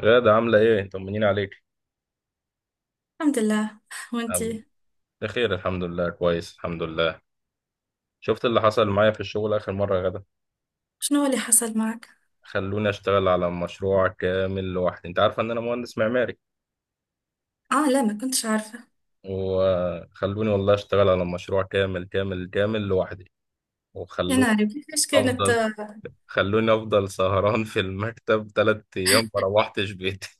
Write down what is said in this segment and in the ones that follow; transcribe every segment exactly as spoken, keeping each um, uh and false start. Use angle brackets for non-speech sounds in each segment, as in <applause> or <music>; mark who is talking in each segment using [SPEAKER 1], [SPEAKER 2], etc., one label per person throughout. [SPEAKER 1] غادة عاملة إيه؟ طمنين عليك.
[SPEAKER 2] الحمد لله.
[SPEAKER 1] أم-
[SPEAKER 2] وانتي؟
[SPEAKER 1] بخير الحمد لله، كويس الحمد لله. شفت اللي حصل معايا في الشغل آخر مرة يا غادة؟
[SPEAKER 2] شنو اللي حصل معك؟
[SPEAKER 1] خلوني أشتغل على مشروع كامل لوحدي، أنت عارفة إن أنا مهندس معماري.
[SPEAKER 2] اه، لا، ما كنتش عارفه.
[SPEAKER 1] وخلوني والله أشتغل على مشروع كامل كامل كامل لوحدي.
[SPEAKER 2] يا
[SPEAKER 1] وخلوني
[SPEAKER 2] ناري، كيفاش كانت؟
[SPEAKER 1] أفضل خلوني أفضل سهران في المكتب تلات أيام ما روحتش بيتي.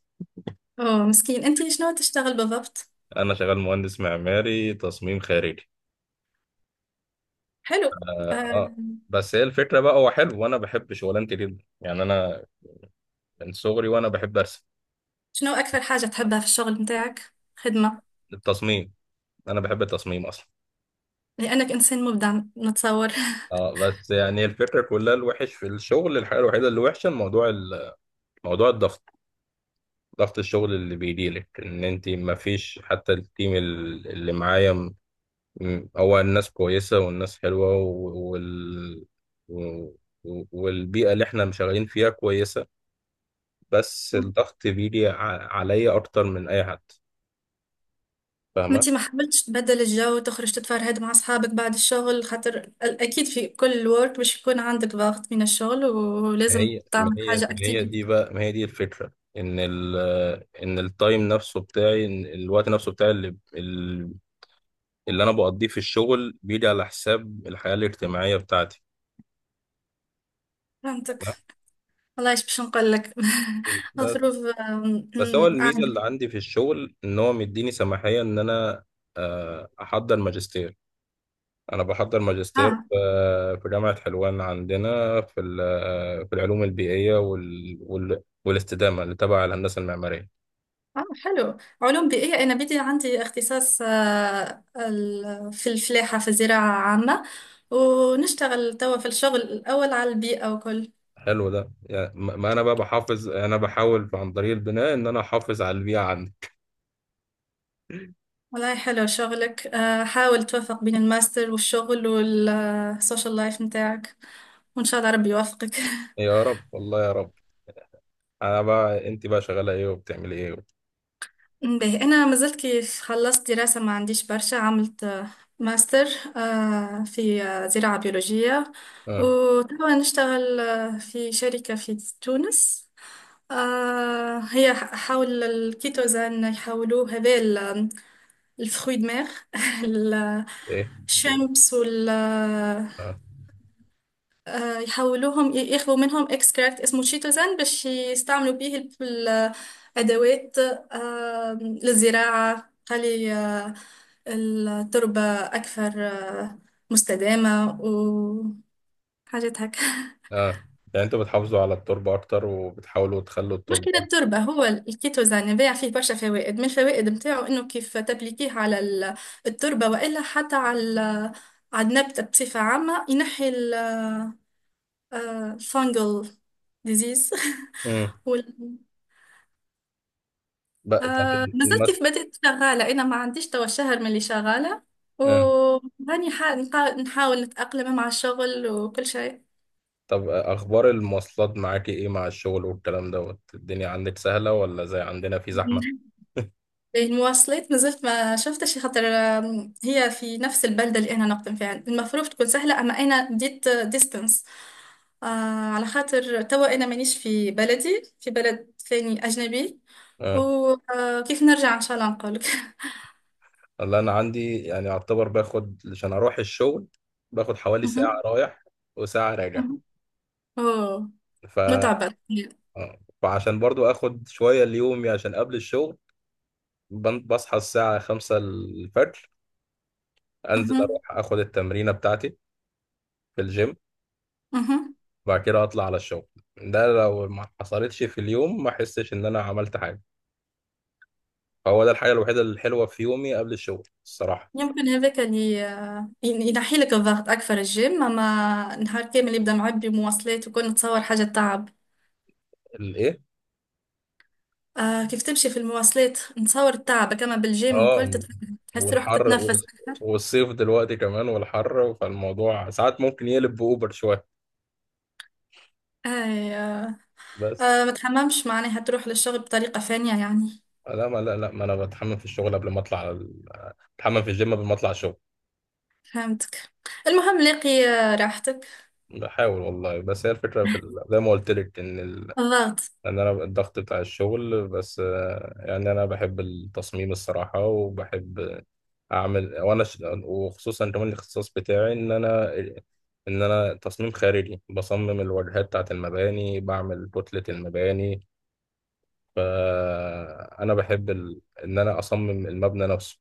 [SPEAKER 2] اوه، مسكين. انتي شنو تشتغل بالضبط؟
[SPEAKER 1] <laughs> أنا شغال مهندس معماري تصميم خارجي.
[SPEAKER 2] حلو.
[SPEAKER 1] آه
[SPEAKER 2] آه.
[SPEAKER 1] آه. بس هي الفكرة بقى، هو حلو وأنا بحب شغلانتي جدا، يعني أنا من صغري وأنا بحب أرسم.
[SPEAKER 2] شنو اكثر حاجه تحبها في الشغل متاعك، خدمه؟
[SPEAKER 1] التصميم، انا بحب التصميم اصلا.
[SPEAKER 2] لانك انسان مبدع نتصور. <laughs>
[SPEAKER 1] اه بس يعني الفكره كلها، الوحش في الشغل، الحاجه الوحيده اللي وحشه الموضوع، ال- موضوع الضغط، ضغط الشغل اللي بيجيلك ان انت ما فيش، حتى التيم ال- اللي معايا، م- م- هو الناس كويسه والناس حلوه و- وال و- و- والبيئه اللي احنا شغالين فيها كويسه. بس الضغط بيجي ع- عليا اكتر من اي حد،
[SPEAKER 2] ما
[SPEAKER 1] فاهمه؟
[SPEAKER 2] انتي ما حاولتش تبدل الجو، تخرج تتفرهد مع اصحابك بعد الشغل، خاطر ال- اكيد في كل ورك باش يكون عندك ضغط من الشغل،
[SPEAKER 1] ما
[SPEAKER 2] ولازم
[SPEAKER 1] هي ما
[SPEAKER 2] تعمل
[SPEAKER 1] هي
[SPEAKER 2] حاجه
[SPEAKER 1] ما هي دي
[SPEAKER 2] اكتيفيتي.
[SPEAKER 1] بقى ما هي دي الفكرة، ان ال ان التايم نفسه بتاعي، إن الوقت نفسه بتاعي اللي اللي انا بقضيه في الشغل بيجي على حساب الحياة الاجتماعية بتاعتي.
[SPEAKER 2] فهمتك.
[SPEAKER 1] لا،
[SPEAKER 2] والله ايش باش نقول لك. <laughs>
[SPEAKER 1] بس،
[SPEAKER 2] الظروف.
[SPEAKER 1] بس هو الميزة اللي عندي في الشغل ان هو مديني سماحية ان انا آه، احضر ماجستير. انا بحضر ماجستير
[SPEAKER 2] آه،
[SPEAKER 1] آه، في جامعة حلوان عندنا في ال- آه، في العلوم البيئية وال وال- والاستدامة اللي تبع الهندسة المعمارية.
[SPEAKER 2] آه، حلو. علوم بيئية. أنا بدي عندي اختصاص آه ال- في الفلاحة، في الزراعة عامة. ونشتغل توا في الشغل الأول على البيئة وكل.
[SPEAKER 1] حلو ده، يعني ما ما انا بقى بحافظ، انا بحاول عن طريق البناء ان انا احافظ على البيئه عندي.
[SPEAKER 2] والله حلو شغلك. آه حاول توفق بين الماستر والشغل والسوشيال لايف متاعك، وإن شاء الله ربي يوفقك. <laughs>
[SPEAKER 1] يا رب والله يا رب. انا بقى، انت بقى شغاله ايه وبتعملي ايه و...
[SPEAKER 2] به، أنا ما زلت كيف خلصت دراسة ما عنديش برشا. عملت آه، ماستر آه، في آه، زراعة بيولوجية،
[SPEAKER 1] اه.
[SPEAKER 2] وتوا نشتغل آه، في شركة في تونس. آه، هي ح- حول الكيتوزان، يحولوه هذا ال- الفخوي، دماغ. <laughs>
[SPEAKER 1] ايه.
[SPEAKER 2] الشامبس.
[SPEAKER 1] اه.
[SPEAKER 2] آه، يحولوهم ي- يخلوا منهم اكستراكت اسمه تشيتوزان باش يستعملوا بيه ال- ال- الادوات آه، للزراعة، خلي آه، التربة أكثر آه، مستدامة وحاجات هكا. <laughs>
[SPEAKER 1] اه. يعني انتوا بتحافظوا على التربه اكتر وبتحاولوا تخلوا التربه
[SPEAKER 2] مشكلة
[SPEAKER 1] اكتر.
[SPEAKER 2] التربة، هو الكيتوزان يبيع فيه برشا فوائد. من الفوائد متاعه إنه كيف تبليكيه على ال- التربة وإلا حتى على على النبتة بصفة عامة ينحي الفانجل ديزيز.
[SPEAKER 1] امم.
[SPEAKER 2] <laughs>
[SPEAKER 1] بقى طب.
[SPEAKER 2] آه ما زلت
[SPEAKER 1] المس...
[SPEAKER 2] كيف بدأت شغالة. أنا ما عنديش توا شهر من اللي شغالة،
[SPEAKER 1] آه.
[SPEAKER 2] وهاني حا- نحا- نحاول نتأقلم مع الشغل وكل شيء.
[SPEAKER 1] طب اخبار المواصلات معاكي ايه مع الشغل والكلام دوت، الدنيا عندك سهله ولا زي عندنا في زحمه؟
[SPEAKER 2] <laughs> المواصلات ما زلت ما شفتش. خاطر آم، هي في نفس البلدة اللي أنا نقدم فيها، المفروض تكون سهلة، أما أنا ديت ديستنس آه على خاطر توا أنا مانيش في بلدي، في بلد ثاني أجنبي.
[SPEAKER 1] آه.
[SPEAKER 2] وكيف نرجع إن شاء الله نقولك. <laughs>
[SPEAKER 1] اللي انا عندي يعني اعتبر، باخد عشان اروح الشغل باخد حوالي ساعة
[SPEAKER 2] مهم.
[SPEAKER 1] رايح وساعة راجع
[SPEAKER 2] مهم. أوه،
[SPEAKER 1] ف...
[SPEAKER 2] متعبة.
[SPEAKER 1] آه. فعشان برضو اخد شوية ليومي عشان قبل الشغل بن- بصحى الساعة خمسة الفجر، انزل
[SPEAKER 2] مهم.
[SPEAKER 1] اروح اخد التمرينة بتاعتي في الجيم،
[SPEAKER 2] مهم.
[SPEAKER 1] وبعد كده اطلع على الشغل. ده لو ما حصلتش في اليوم ما احسش ان انا عملت حاجة، فهو ده الحاجة الوحيدة الحلوة في يومي قبل الشغل الصراحة.
[SPEAKER 2] يمكن هذاك اللي ين- ينحي لك الضغط أكثر، الجيم. أما نهار كامل يبدأ معبي مواصلات وكل، نتصور حاجة تعب.
[SPEAKER 1] الايه.
[SPEAKER 2] آه، كيف تمشي في المواصلات نتصور التعب، كما بالجيم
[SPEAKER 1] اه.
[SPEAKER 2] وكل تت- تحس روحك
[SPEAKER 1] والحر
[SPEAKER 2] تتنفس
[SPEAKER 1] والص-
[SPEAKER 2] أكثر.
[SPEAKER 1] والصيف دلوقتي كمان والحر، فالموضوع ساعات ممكن يقلب بأوبر شوية
[SPEAKER 2] أي، آه.
[SPEAKER 1] بس.
[SPEAKER 2] آه، ما تحممش معناها تروح للشغل بطريقة ثانية يعني؟
[SPEAKER 1] لا، ما لا لا ما انا بتحمم في الشغل قبل ما اطلع على ال... بتحمم في الجيم قبل ما اطلع الشغل.
[SPEAKER 2] فهمتك. المهم لاقي آه، راحتك.
[SPEAKER 1] بحاول والله، بس هي الفكرة في ال... زي ما قلت لك ان،
[SPEAKER 2] الضغط.
[SPEAKER 1] لأن أنا الضغط بتاع الشغل بس آه، يعني أنا بحب التصميم الصراحة، وبحب أعمل وأنا ش... وخصوصا كمان الاختصاص بتاعي، إن أنا إن أنا تصميم خارجي، بصمم الواجهات بتاعت المباني، بعمل كتلة المباني، فأنا بحب ال... إن أنا أصمم المبنى نفسه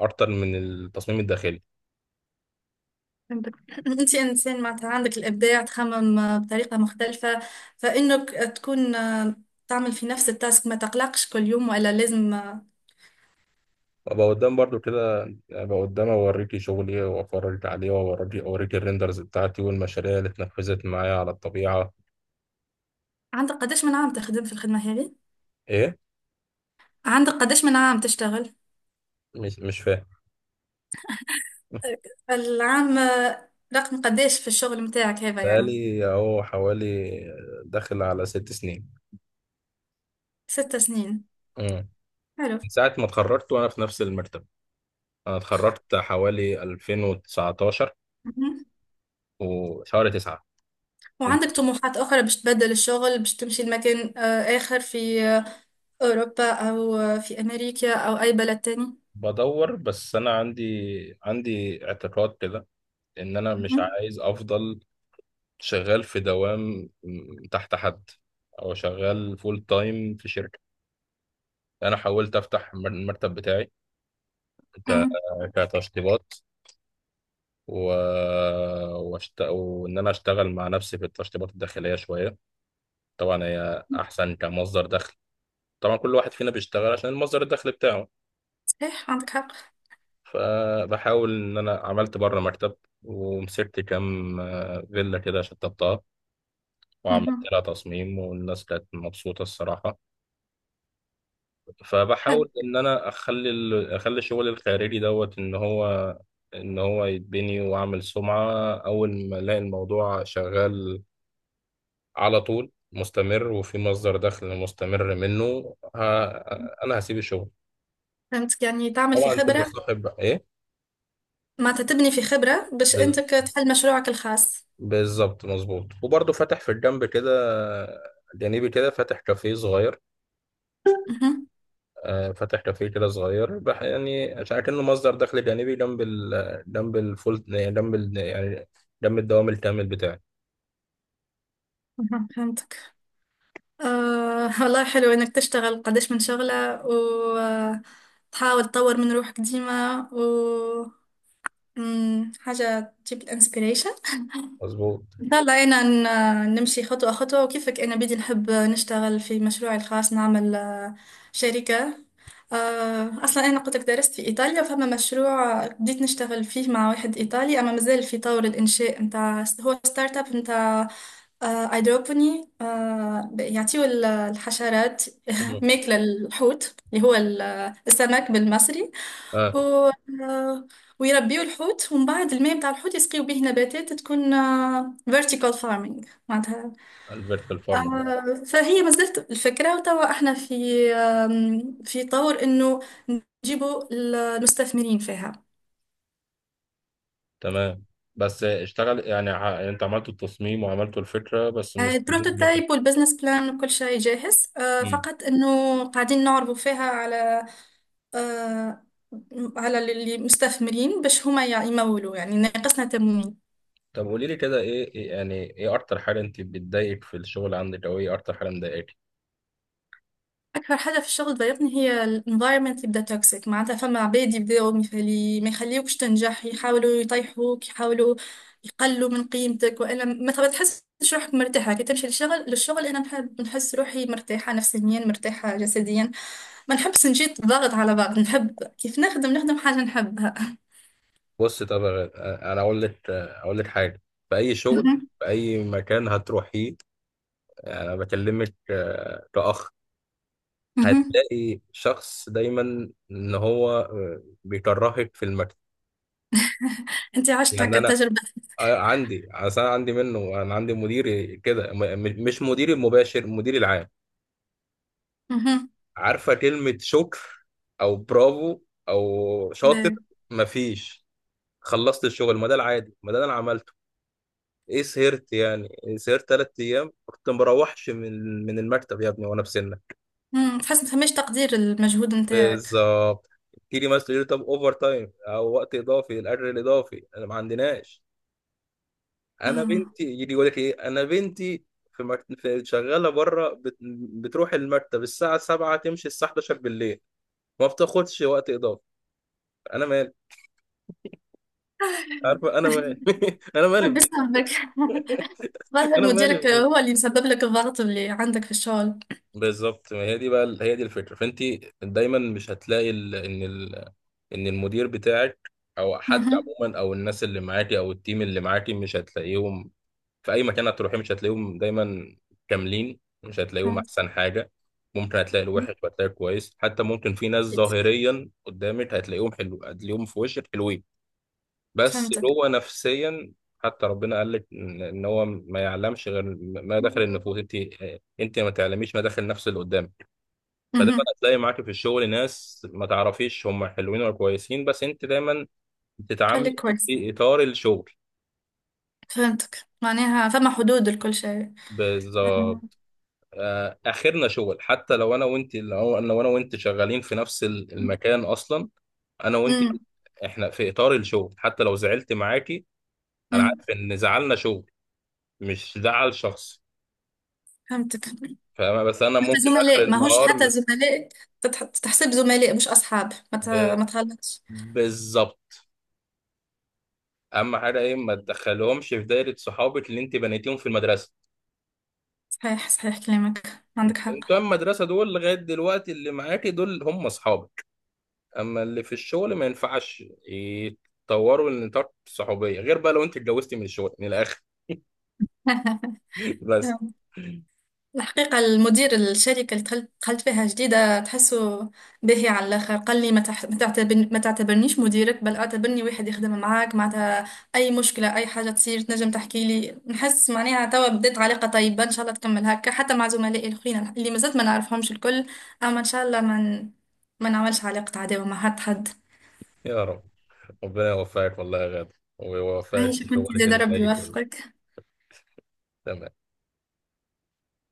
[SPEAKER 1] أكتر من التصميم الداخلي.
[SPEAKER 2] فهمتك. <laughs> انت انسان معناتها عندك الابداع، تخمم آه، بطريقه مختلفه، فانك تكون آه، تعمل في نفس التاسك، ما تقلقش كل يوم ولا لازم آه،
[SPEAKER 1] وأبقى قدام برضو كده، أبقى قدام أوريكي شغلي وأفرجك عليه، وأوريكي أوريكي الريندرز بتاعتي والمشاريع اللي اتنفذت معايا على الطبيعة.
[SPEAKER 2] عندك قداش من عام تخدم في الخدمه هذه؟
[SPEAKER 1] إيه؟
[SPEAKER 2] عندك قداش من عام تشتغل؟
[SPEAKER 1] مش مش فاهم.
[SPEAKER 2] العام آه، رقم قداش في الشغل متاعك هذا يعني؟
[SPEAKER 1] بقالي اهو حوالي، داخل على ست سنين.
[SPEAKER 2] ست سنين.
[SPEAKER 1] امم.
[SPEAKER 2] حلو.
[SPEAKER 1] من ساعة ما اتخرجت وانا في نفس المرتبة، انا اتخرجت حوالي ألفين وتسعة عشر
[SPEAKER 2] مهم.
[SPEAKER 1] وشهر تسعة.
[SPEAKER 2] وعندك طموحات اخرى باش تبدل الشغل، باش تمشي لمكان آه، اخر في آه، اوروبا او آه، في امريكا او اي بلد تاني؟
[SPEAKER 1] بدور، بس انا عندي، عندي اعتقاد كده ان انا مش
[SPEAKER 2] مهم.
[SPEAKER 1] عايز افضل شغال في دوام م- تحت حد، او شغال فول تايم في شركة. انا حاولت افتح المر- المكتب بتاعي ك-
[SPEAKER 2] مهم.
[SPEAKER 1] كتشطيبات و... واشت... وان انا اشتغل مع نفسي في التشطيبات الداخليه شويه. طبعا هي احسن كمصدر دخل، طبعا كل واحد فينا بيشتغل عشان المصدر الدخل بتاعه.
[SPEAKER 2] صحيح، عندك حق.
[SPEAKER 1] فبحاول ان انا عملت بره مكتب، ومسكت كام آه، فيلا كده شطبتها، وعملت لها تصميم والناس كانت مبسوطه الصراحه.
[SPEAKER 2] حلو.
[SPEAKER 1] فبحاول ان انا اخلي ال... اخلي الشغل الخارجي دوت، ان هو، ان هو يتبني واعمل سمعه، اول ما الاقي الموضوع شغال على طول مستمر وفي مصدر دخل مستمر منه، ها انا هسيب الشغل.
[SPEAKER 2] فهمتك، يعني تعمل في
[SPEAKER 1] طبعا تبقى
[SPEAKER 2] خبرة.
[SPEAKER 1] صاحب بقى ايه.
[SPEAKER 2] معناتها تبني في خبرة باش
[SPEAKER 1] بال-
[SPEAKER 2] انت ك- تحل مشروعك الخاص.
[SPEAKER 1] بالظبط مظبوط، وبرضه فاتح في الجنب كده، جانبي كده، فاتح كافيه صغير.
[SPEAKER 2] مهم.
[SPEAKER 1] آه، فاتح كافيه كده صغير بح يعني، عشان كأنه مصدر دخل جانبي، جنب ال جنب الفول يعني، جنب ال يعني جنب الدوام الكامل بتاعي.
[SPEAKER 2] مهم. فهمتك. آه والله حلو انك تشتغل قداش من شغلة وتحاول تطور من روحك ديما، و مم، حاجة تجيب الانسبيريشن.
[SPEAKER 1] مظبوط.
[SPEAKER 2] إن شاء الله أنا ن- نمشي خطوة خطوة، وكيفك أنا بدي نحب نشتغل في مشروعي الخاص، نعمل آه، شركة. آه، أصلا أنا قلت لك درست في إيطاليا، فما مشروع بديت نشتغل فيه مع واحد إيطالي، أما مازال في طور الإنشاء. متاع هو ستارت أب متاع آه، أيدروبوني. آه، يعطيو ال- الحشرات <laughs>
[SPEAKER 1] مم.
[SPEAKER 2] ماكلة الحوت اللي هو ال- السمك بالمصري،
[SPEAKER 1] اه.
[SPEAKER 2] و آه، ويربيو الحوت، ومن بعد الماء بتاع الحوت يسقيو به نباتات تكون آه، vertical farming معناتها.
[SPEAKER 1] الفيرتيكال فارم بقى.
[SPEAKER 2] آه، فهي ما زالت الفكرة، وتوا احنا في آم، في طور انه نجيبوا المستثمرين فيها.
[SPEAKER 1] تمام. بس اشتغل يعني ع- يعني انت عملت التصميم وعملت الفكرة بس
[SPEAKER 2] آه،
[SPEAKER 1] مستني.
[SPEAKER 2] البروتوتايب والبزنس بلان وكل شيء جاهز، آه،
[SPEAKER 1] مم.
[SPEAKER 2] فقط انه قاعدين نعرضوا فيها على آه، على المستثمرين باش هما يمولوا، يعني ناقصنا تمويل.
[SPEAKER 1] طب قولي لي كده، ايه إيه- يعني ايه اكتر حاجه انت بتضايقك في الشغل عندك، او ايه اكتر حاجه مضايقاكي؟
[SPEAKER 2] أكثر حاجة في الشغل تضايقني هي ال environment يبدأ توكسيك. معناتها فما عباد يبداو ميخلي ما يخليوكش تنجح، يحاولوا يطيحوك، يحاولوا يقلوا من قيمتك، وإلا ما ما تحسش روحك مرتاحة كي تمشي للشغل للشغل أنا نحب نحس روحي مرتاحة نفسيا، مرتاحة جسديا. ما نحبش نجي ضغط على بعض. نحب كيف نخدم نخدم حاجة نحبها.
[SPEAKER 1] بص طب يا غ- انا اقول لك اقول لك حاجه، في اي شغل،
[SPEAKER 2] مهم.
[SPEAKER 1] في اي مكان هتروحيه، انا بكلمك آه، كاخ،
[SPEAKER 2] مهم.
[SPEAKER 1] هتلاقي شخص دايما ان هو آه، بيكرهك في المكتب.
[SPEAKER 2] أنت عشت
[SPEAKER 1] يعني
[SPEAKER 2] هكا
[SPEAKER 1] انا
[SPEAKER 2] التجربة؟
[SPEAKER 1] آه، عندي اصل، انا عندي منه، انا عندي مدير كده م- م- مش مديري المباشر، المدير العام.
[SPEAKER 2] مهم.
[SPEAKER 1] عارفه كلمه شكر، او برافو، او شاطر؟
[SPEAKER 2] لا.
[SPEAKER 1] مفيش. خلصت الشغل، ما ده العادي، ما ده اللي انا عملته. ايه سهرت، يعني سهرت ثلاث ايام كنت مروحش من من المكتب يا ابني، وانا في سنك.
[SPEAKER 2] مم. تحس ما فماش تقدير المجهود نتاعك؟
[SPEAKER 1] بالظبط. تيجي مثلا يقول لي طب اوفر تايم او وقت اضافي، الاجر الاضافي انا ما عندناش، انا
[SPEAKER 2] آه،
[SPEAKER 1] بنتي يجي يقول لك ايه، انا بنتي في, مك... في شغاله بره بت... بتروح المكتب الساعه سبعة تمشي الساعه احداشر بالليل، ما بتاخدش وقت اضافي، انا مالي، عارفه انا مالي، <laughs> انا مالي بنتي.
[SPEAKER 2] بسببك. <laughs> ظاهر
[SPEAKER 1] انا
[SPEAKER 2] مديرك
[SPEAKER 1] مالي.
[SPEAKER 2] هو اللي مسبب لك الضغط اللي عندك في الشغل.
[SPEAKER 1] بالظبط، ما هي دي بقى، هي دي الفكره، فانت دايما مش هتلاقي ال...، ان ال...، ان المدير بتاعك او حد
[SPEAKER 2] مهم.
[SPEAKER 1] عموما، او الناس اللي معاكي، او التيم اللي معاكي، مش هتلاقيهم في اي مكان هتروحي، مش هتلاقيهم دايما كاملين، مش هتلاقيهم
[SPEAKER 2] فهمت.
[SPEAKER 1] احسن حاجه. ممكن هتلاقي الوحش وهتلاقي الكويس، حتى ممكن في ناس
[SPEAKER 2] أكيد.
[SPEAKER 1] ظاهريا قدامك هتلاقيهم حلو، هتلاقيهم في وشك حلوين، بس
[SPEAKER 2] فهمتك.
[SPEAKER 1] هو نفسيا. حتى ربنا قال لك ان إن هو ما يعلمش غير ما داخل النفوس، انت انت ما تعلميش ما داخل نفس اللي قدامك. فدايما
[SPEAKER 2] مهم.
[SPEAKER 1] هتلاقي معاك في الشغل ناس ما تعرفيش هم حلوين ولا كويسين، بس انت دايما بتتعاملي
[SPEAKER 2] خليك كويس.
[SPEAKER 1] في اطار الشغل.
[SPEAKER 2] فهمتك، معناها فما حدود لكل شيء. مهم.
[SPEAKER 1] بالظبط. آه، اخرنا شغل، حتى لو انا وانت، لو انا وانا وانت شغالين في نفس ال- المكان اصلا، انا وانت
[SPEAKER 2] أمم.
[SPEAKER 1] احنا في اطار الشغل، حتى لو زعلت معاكي انا
[SPEAKER 2] أمم.
[SPEAKER 1] عارف ان زعلنا شغل، مش زعل شخص.
[SPEAKER 2] فهمتك حتى.
[SPEAKER 1] فاهمة، بس انا ممكن اخر
[SPEAKER 2] زملاء ماهوش
[SPEAKER 1] النهار،
[SPEAKER 2] حتى زملاء، تتح- تحسب زملاء مش أصحاب، ما ت-
[SPEAKER 1] ب-
[SPEAKER 2] ما تغلطش.
[SPEAKER 1] بالظبط. اهم حاجه ايه، ما تدخلهمش في دايره صحابك اللي انت بنيتيهم في المدرسه،
[SPEAKER 2] صحيح، صحيح كلامك عندك حق.
[SPEAKER 1] بتوع المدرسة دول لغاية دلوقتي اللي معاكي دول هم أصحابك. أما اللي في الشغل ما ينفعش يتطوروا لنطاق الصحوبية، غير بقى لو أنت اتجوزتي من الشغل من الآخر.
[SPEAKER 2] <laughs>
[SPEAKER 1] <laughs> بس.
[SPEAKER 2] الحقيقة المدير، الشركة اللي دخلت دخلت فيها جديدة، تحسه باهي على الآخر. قال لي ما تح- ما تعتبرني ما تعتبرنيش مديرك، بل اعتبرني واحد يخدم معاك. معناتها أي مشكلة، أي حاجة تصير تنجم تحكي لي، نحس معناها توا بدات علاقة طيبة، إن شاء الله تكمل هكا حتى مع زملائي الأخرين اللي مازلت ما نعرفهمش الكل. أما إن شاء الله ما ن- ما نعملش علاقة عداوة مع حد حد.
[SPEAKER 1] يا رب، ربنا يوفقك والله يا غادة، ويوفقك
[SPEAKER 2] عايشة
[SPEAKER 1] في
[SPEAKER 2] كنت
[SPEAKER 1] شغلك
[SPEAKER 2] زاد،
[SPEAKER 1] اللي
[SPEAKER 2] ربي
[SPEAKER 1] جاي كله.
[SPEAKER 2] يوفقك.
[SPEAKER 1] تمام.